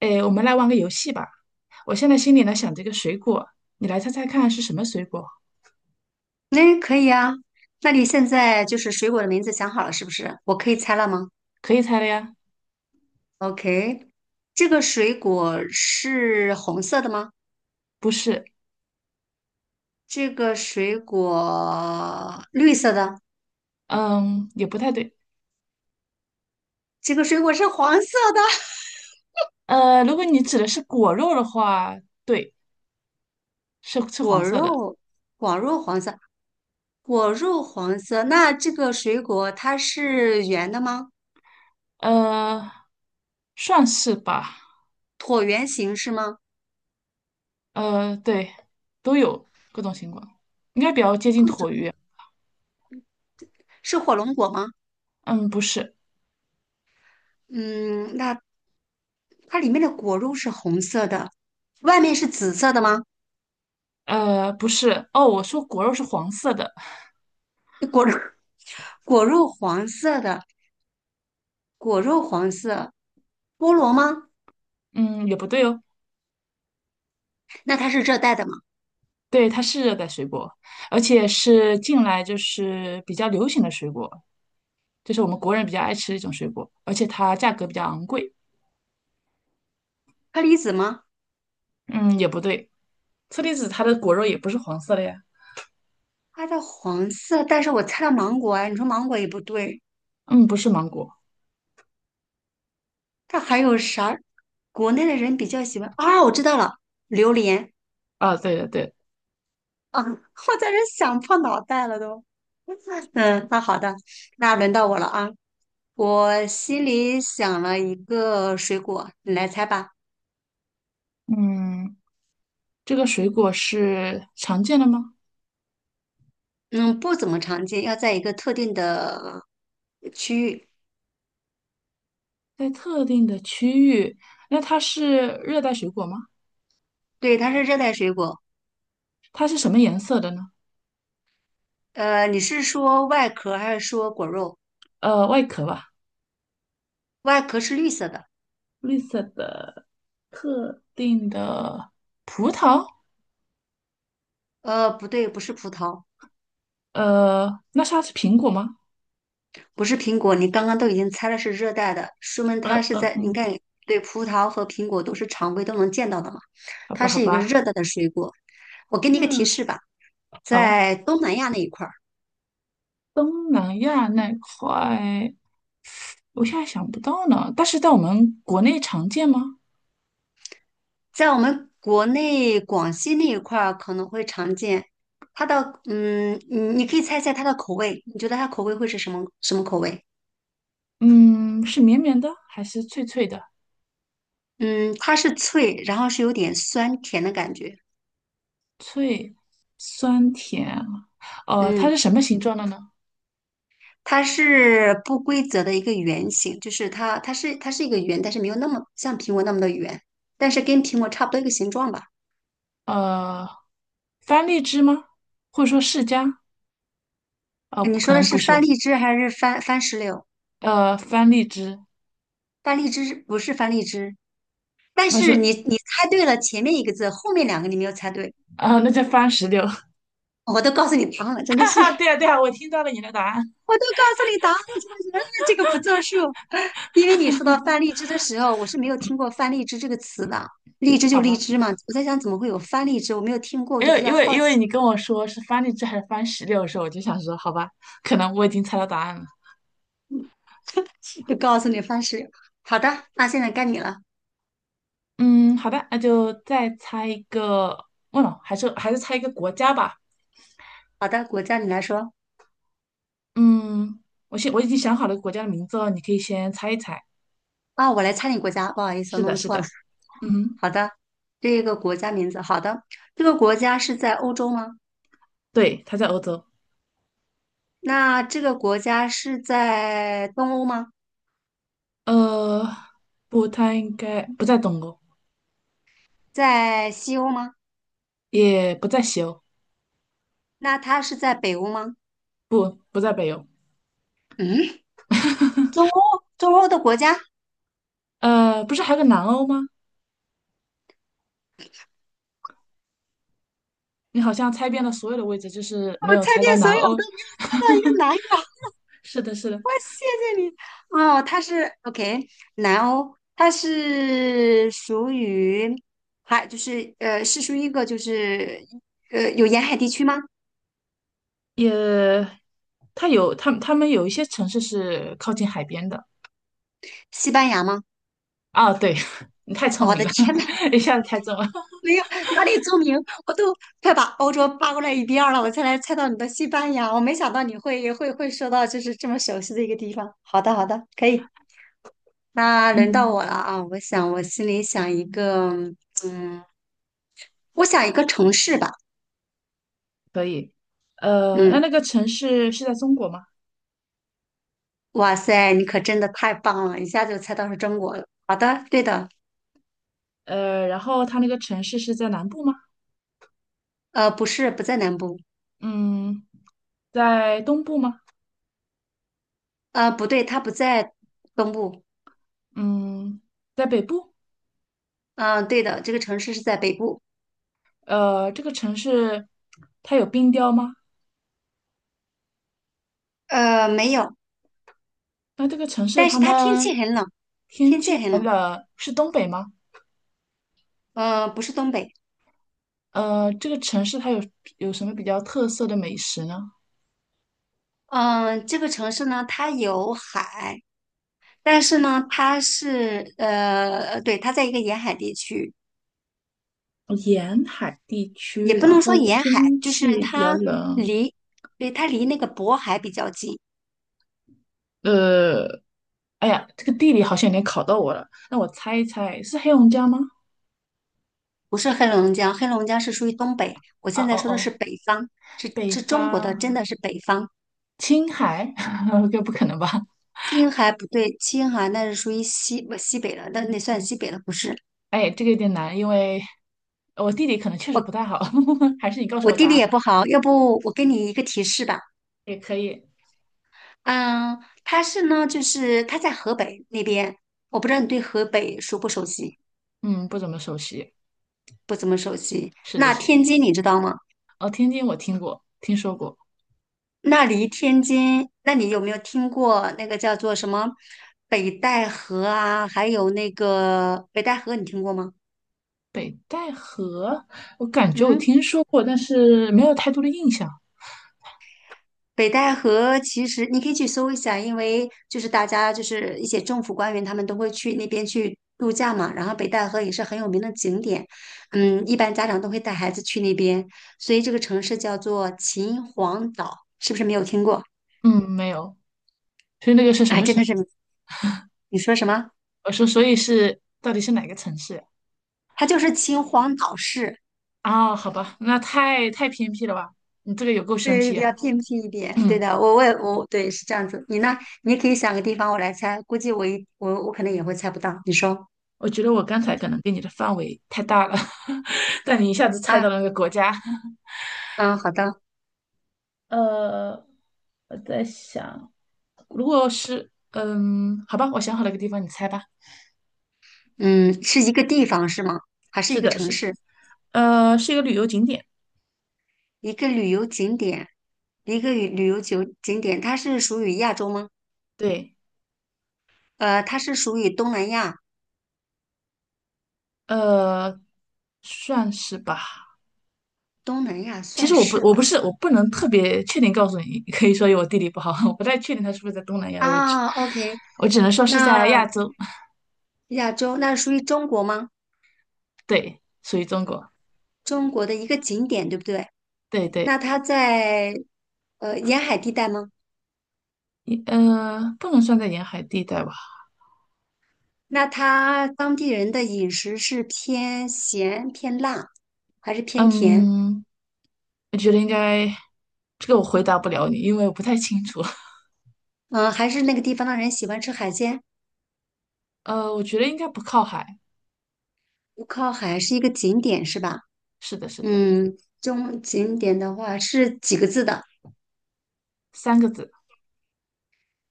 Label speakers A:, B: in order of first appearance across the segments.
A: 诶，我们来玩个游戏吧。我现在心里呢想着一个水果，你来猜猜看是什么水果？
B: 那可以啊。那你现在就是水果的名字想好了是不是？我可以猜了吗
A: 可以猜了呀？
B: ？OK,这个水果是红色的吗？
A: 不是，
B: 这个水果绿色的，
A: 嗯，也不太对。
B: 这个水果是黄色的。
A: 如果你指的是果肉的话，对，是
B: 果
A: 黄色的，
B: 肉，果肉黄色，果肉黄色。那这个水果它是圆的吗？
A: 呃，算是吧。
B: 椭圆形是吗？
A: 对，都有各种情况，应该比较接近
B: 各
A: 椭
B: 种
A: 圆。
B: 是火龙果吗？
A: 嗯，不是，
B: 嗯，那它里面的果肉是红色的，外面是紫色的吗？
A: 不是。哦，我说果肉是黄色的，
B: 果肉果肉黄色的，果肉黄色，菠萝吗？
A: 嗯，也不对哦。
B: 那它是热带的吗？
A: 对，它是热带水果，而且是近来就是比较流行的水果。这是我们国人比较爱吃的一种水果，而且它价格比较昂贵。
B: 车梨子吗？
A: 嗯，也不对，车厘子它的果肉也不是黄色的呀。
B: 它的黄色，但是我猜到芒果啊，你说芒果也不对，
A: 嗯，不是芒果
B: 它还有啥？国内的人比较喜欢啊，我知道了，榴莲
A: 啊，对的对的。
B: 啊，我在这想破脑袋了都。嗯，那好的，那轮到我了啊。我心里想了一个水果，你来猜吧。
A: 嗯，这个水果是常见的吗？
B: 嗯，不怎么常见，要在一个特定的区域。
A: 在特定的区域，那它是热带水果吗？
B: 对，它是热带水果，
A: 它是什么颜色的呢？
B: 你是说外壳还是说果肉？
A: 外壳吧，
B: 外壳是绿色的，
A: 绿色的。特定的葡萄，
B: 不对，不是葡萄，
A: 呃，那它是苹果吗？
B: 不是苹果。你刚刚都已经猜了是热带的，说明它
A: 嗯
B: 是在，
A: 嗯，
B: 你看，对，葡萄和苹果都是常规都能见到的嘛，
A: 好吧
B: 它
A: 好
B: 是一个
A: 吧，
B: 热带的水果。我给你一个提
A: 嗯，
B: 示吧，
A: 好，
B: 在东南亚那一块儿，
A: 东南亚那块我现在想不到呢，但是在我们国内常见吗？
B: 在我们国内广西那一块儿可能会常见。它的，嗯，你可以猜猜它的口味，你觉得它口味会是什么什么口味？
A: 嗯，是绵绵的还是脆脆的？
B: 嗯，它是脆，然后是有点酸甜的感觉。
A: 脆，酸甜，它是
B: 嗯，
A: 什么形状的呢？
B: 它是不规则的一个圆形，就是它，它是一个圆，但是没有那么像苹果那么的圆，但是跟苹果差不多一个形状吧。
A: 呃，番荔枝吗？或者说释迦？
B: 你
A: 可
B: 说的
A: 能
B: 是
A: 不
B: 番
A: 是，
B: 荔枝还是番石榴？
A: 番荔枝，
B: 番荔枝不是番荔枝，但
A: 那
B: 是
A: 是
B: 你猜对了前面一个字，后面两个你没有猜对，
A: 啊、那叫番石榴。
B: 我都告诉你答案了，真的
A: 哈
B: 是。
A: 哈，对呀、对呀、我听到了你的答案，
B: 我都告诉你答案了，真的是，这个不作数。因为你说到翻荔枝的时候，我是没有听过翻荔枝这个词的。荔枝就
A: 好
B: 荔
A: 吧？
B: 枝嘛，我在想怎么会有翻荔枝，我没有听过，我
A: 因
B: 就
A: 为
B: 比较
A: 因为
B: 好
A: 因为
B: 奇，
A: 你跟我说是番荔枝还是番石榴的时候，我就想说，好吧，可能我已经猜到答案了。
B: 就告诉你方式。好的，那现在该你了。
A: 嗯，好的，那就再猜一个，忘了，还是猜一个国家吧。
B: 好的，国家你来说
A: 嗯，我已经想好了国家的名字哦，你可以先猜一猜。
B: 啊，我来猜你国家，不好意思，
A: 是
B: 我
A: 的，
B: 弄
A: 是
B: 错了。
A: 的，嗯哼，
B: 好的，这个国家名字，好的，这个国家是在欧洲吗？
A: 对，它在欧洲。
B: 那这个国家是在东欧吗？
A: 呃，不，它应该不在东欧，
B: 在西欧吗？
A: 也不在西欧，
B: 那它是在北欧吗？
A: 不，不在北欧。
B: 嗯。中欧中欧的国家，
A: 不是还有个南欧吗？你好像猜遍了所有的位置，就是没
B: 我
A: 有
B: 猜
A: 猜到
B: 遍所
A: 南
B: 有
A: 欧。
B: 都没有猜到一个 南亚。
A: 是的，是的，
B: 谢谢你。哦，它是 OK,南欧，它是属于还就是呃，是属于一个就是有沿海地区吗？
A: 也，它有，他们有一些城市是靠近海边的。
B: 西班牙吗？
A: 啊，对，你太聪
B: 我的
A: 明了，
B: 天呐，
A: 一下子猜中了。
B: 没有哪里著名，我都快把欧洲扒过来一边儿了，我才来猜到你的西班牙。我没想到你会说到就是这么熟悉的一个地方。好的，好的，可以。那轮到
A: 嗯，
B: 我了啊！我想，我心里想一个，嗯，我想一个城市吧。
A: 可以。那
B: 嗯，
A: 那个城市是在中国吗？
B: 哇塞，你可真的太棒了，一下就猜到是中国了。好的，对的，
A: 然后它那个城市是在南部吗？
B: 呃，不是，不在南部，
A: 嗯，在东部吗？
B: 呃，不对，它不在东部。
A: 嗯，在北部。
B: 嗯、对的，这个城市是在北部。
A: 这个城市它有冰雕吗？
B: 呃，没有，
A: 那这个城市
B: 但是
A: 他
B: 它天
A: 们
B: 气很冷，
A: 天
B: 天气
A: 气
B: 很
A: 寒
B: 冷。
A: 冷，是东北吗？
B: 呃，不是东北。
A: 这个城市它有什么比较特色的美食呢？
B: 嗯、这个城市呢，它有海，但是呢，它是对，它在一个沿海地区。
A: 沿海地
B: 也
A: 区，
B: 不
A: 然
B: 能说
A: 后
B: 沿
A: 天
B: 海，就是
A: 气比较
B: 它
A: 冷，
B: 离，对，它离那个渤海比较近，
A: 呃，哎呀，这个地理好像有点考到我了。那我猜一猜，是黑龙江吗？
B: 不是黑龙江，黑龙江是属于东北，我
A: 啊
B: 现
A: 哦
B: 在说的是
A: 哦，
B: 北方，是
A: 北
B: 是中国的，
A: 方
B: 真的是北方。
A: 青海，这不可能吧？
B: 青海不对，青海那是属于西不西北了，那算西北了，不是？
A: 哎，这个有点难，因为我地理可能确实不太好，还是你告诉
B: 我
A: 我
B: 地
A: 答
B: 理
A: 案吧。
B: 也不好，要不我给你一个提示吧。
A: 也可以。
B: 嗯，它是呢，就是它在河北那边，我不知道你对河北熟不熟悉，
A: 嗯，不怎么熟悉。
B: 不怎么熟悉。
A: 是的，
B: 那
A: 是的。
B: 天津你知道吗？
A: 哦，天津我听过，听说过。
B: 那离天津，那你有没有听过那个叫做什么北戴河啊？还有那个北戴河，你听过吗？
A: 北戴河，我感觉我
B: 嗯，
A: 听说过，但是没有太多的印象。
B: 北戴河其实你可以去搜一下，因为就是大家就是一些政府官员他们都会去那边去度假嘛。然后北戴河也是很有名的景点，嗯，一般家长都会带孩子去那边，所以这个城市叫做秦皇岛，是不是没有听过？
A: 嗯，没有。所以那个是什
B: 哎，
A: 么
B: 真
A: 城？
B: 的是，你说什么？
A: 我说，所以是到底是哪个城市呀？
B: 它就是秦皇岛市。
A: 啊，好吧，那太偏僻了吧？你这个也够生
B: 对，是
A: 僻
B: 比
A: 啊。
B: 较偏僻一点。对
A: 嗯，
B: 的，我对是这样子。你呢？你可以想个地方，我来猜。估计我一我我可能也会猜不到。你说
A: 我觉得我刚才可能给你的范围太大了，但你一下子猜到
B: 啊，
A: 了那个国家。
B: 嗯，好的，
A: 呃，我在想，如果是，嗯，好吧，我想好了一个地方，你猜吧。
B: 嗯，是一个地方是吗？还是
A: 是
B: 一个
A: 的，
B: 城
A: 是的，
B: 市？
A: 是一个旅游景点，
B: 一个旅游景点？一个旅游景点，它是属于亚洲吗？
A: 对，
B: 呃，它是属于东南亚，
A: 呃，算是吧。
B: 东南亚
A: 其实
B: 算是
A: 我
B: 吧。
A: 不是，我不能特别确定告诉你，可以说有我地理不好，我不太确定它是不是在东南亚的位置，
B: 啊，OK,
A: 我只能说是在
B: 那
A: 亚洲。
B: 亚洲那属于中国吗？
A: 对，属于中国，
B: 中国的一个景点，对不对？
A: 对对，
B: 那它在沿海地带吗？
A: 不能算在沿海地带吧，
B: 那他当地人的饮食是偏咸、偏辣，还是偏甜？
A: 嗯，我觉得应该，这个我回答不了你，因为我不太清楚，
B: 嗯，还是那个地方的人喜欢吃海鲜？
A: 我觉得应该不靠海，
B: 不靠海是一个景点是吧？
A: 是的，是的，
B: 嗯，中景点的话是几个字的？
A: 三个字，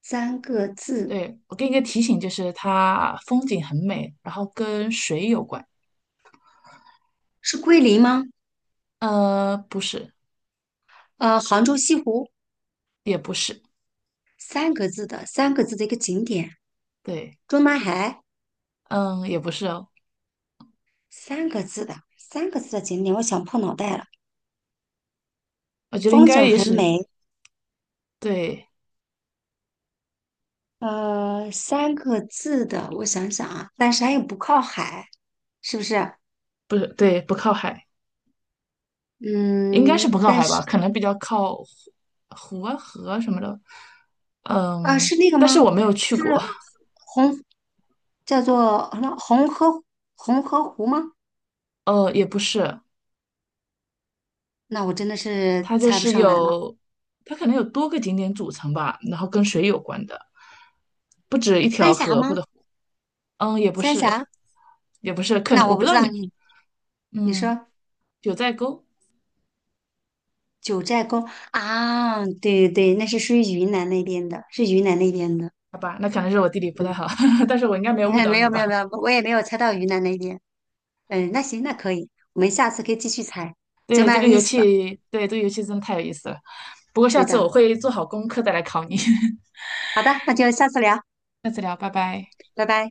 B: 三个字，
A: 对，我给你个提醒，就是它风景很美，然后跟水有关，
B: 是桂林吗？
A: 不是，
B: 呃，杭州西湖，
A: 也不是，
B: 三个字的，三个字的一个景点。
A: 对，
B: 中南海，
A: 嗯，也不是哦，
B: 三个字的，三个字的景点，我想破脑袋了。
A: 我觉得应
B: 风
A: 该
B: 景
A: 也
B: 很
A: 属于，
B: 美，
A: 对，
B: 呃，三个字的，我想想啊，但是它又不靠海，是不是？
A: 不是，对，不靠海。应该是
B: 嗯，
A: 不靠
B: 但
A: 海吧，
B: 是
A: 可能比较靠湖啊河啊什么的。
B: 啊，
A: 嗯，
B: 是那个
A: 但是
B: 吗？
A: 我没有去
B: 是
A: 过。
B: 红，叫做什么红河红河湖吗？
A: 也不是，
B: 那我真的是
A: 它就
B: 猜不
A: 是
B: 上来了。
A: 有，它可能有多个景点组成吧，然后跟水有关的。
B: 三峡吗？
A: 嗯，也不
B: 三
A: 是，
B: 峡？
A: 也不是，可
B: 那
A: 能我
B: 我
A: 不
B: 不
A: 知
B: 知
A: 道
B: 道
A: 你，
B: 你，你
A: 嗯，
B: 说
A: 九寨沟，
B: 九寨沟啊？对对对，那是属于云南那边的，是云南那边的。
A: 好吧，那可能是我地理不太
B: 嗯，
A: 好，但是我应该没有误 导
B: 没
A: 你
B: 有没
A: 吧？
B: 有没有，我也没有猜到云南那边。嗯，那行，那可以，我们下次可以继续猜，这
A: 对，这
B: 蛮
A: 个
B: 有意
A: 游
B: 思的。
A: 戏，对，这个游戏真的太有意思了。不过下
B: 对
A: 次我
B: 的，
A: 会做好功课再来考你。
B: 好的，那就下次聊，
A: 下次聊，拜拜。
B: 拜拜。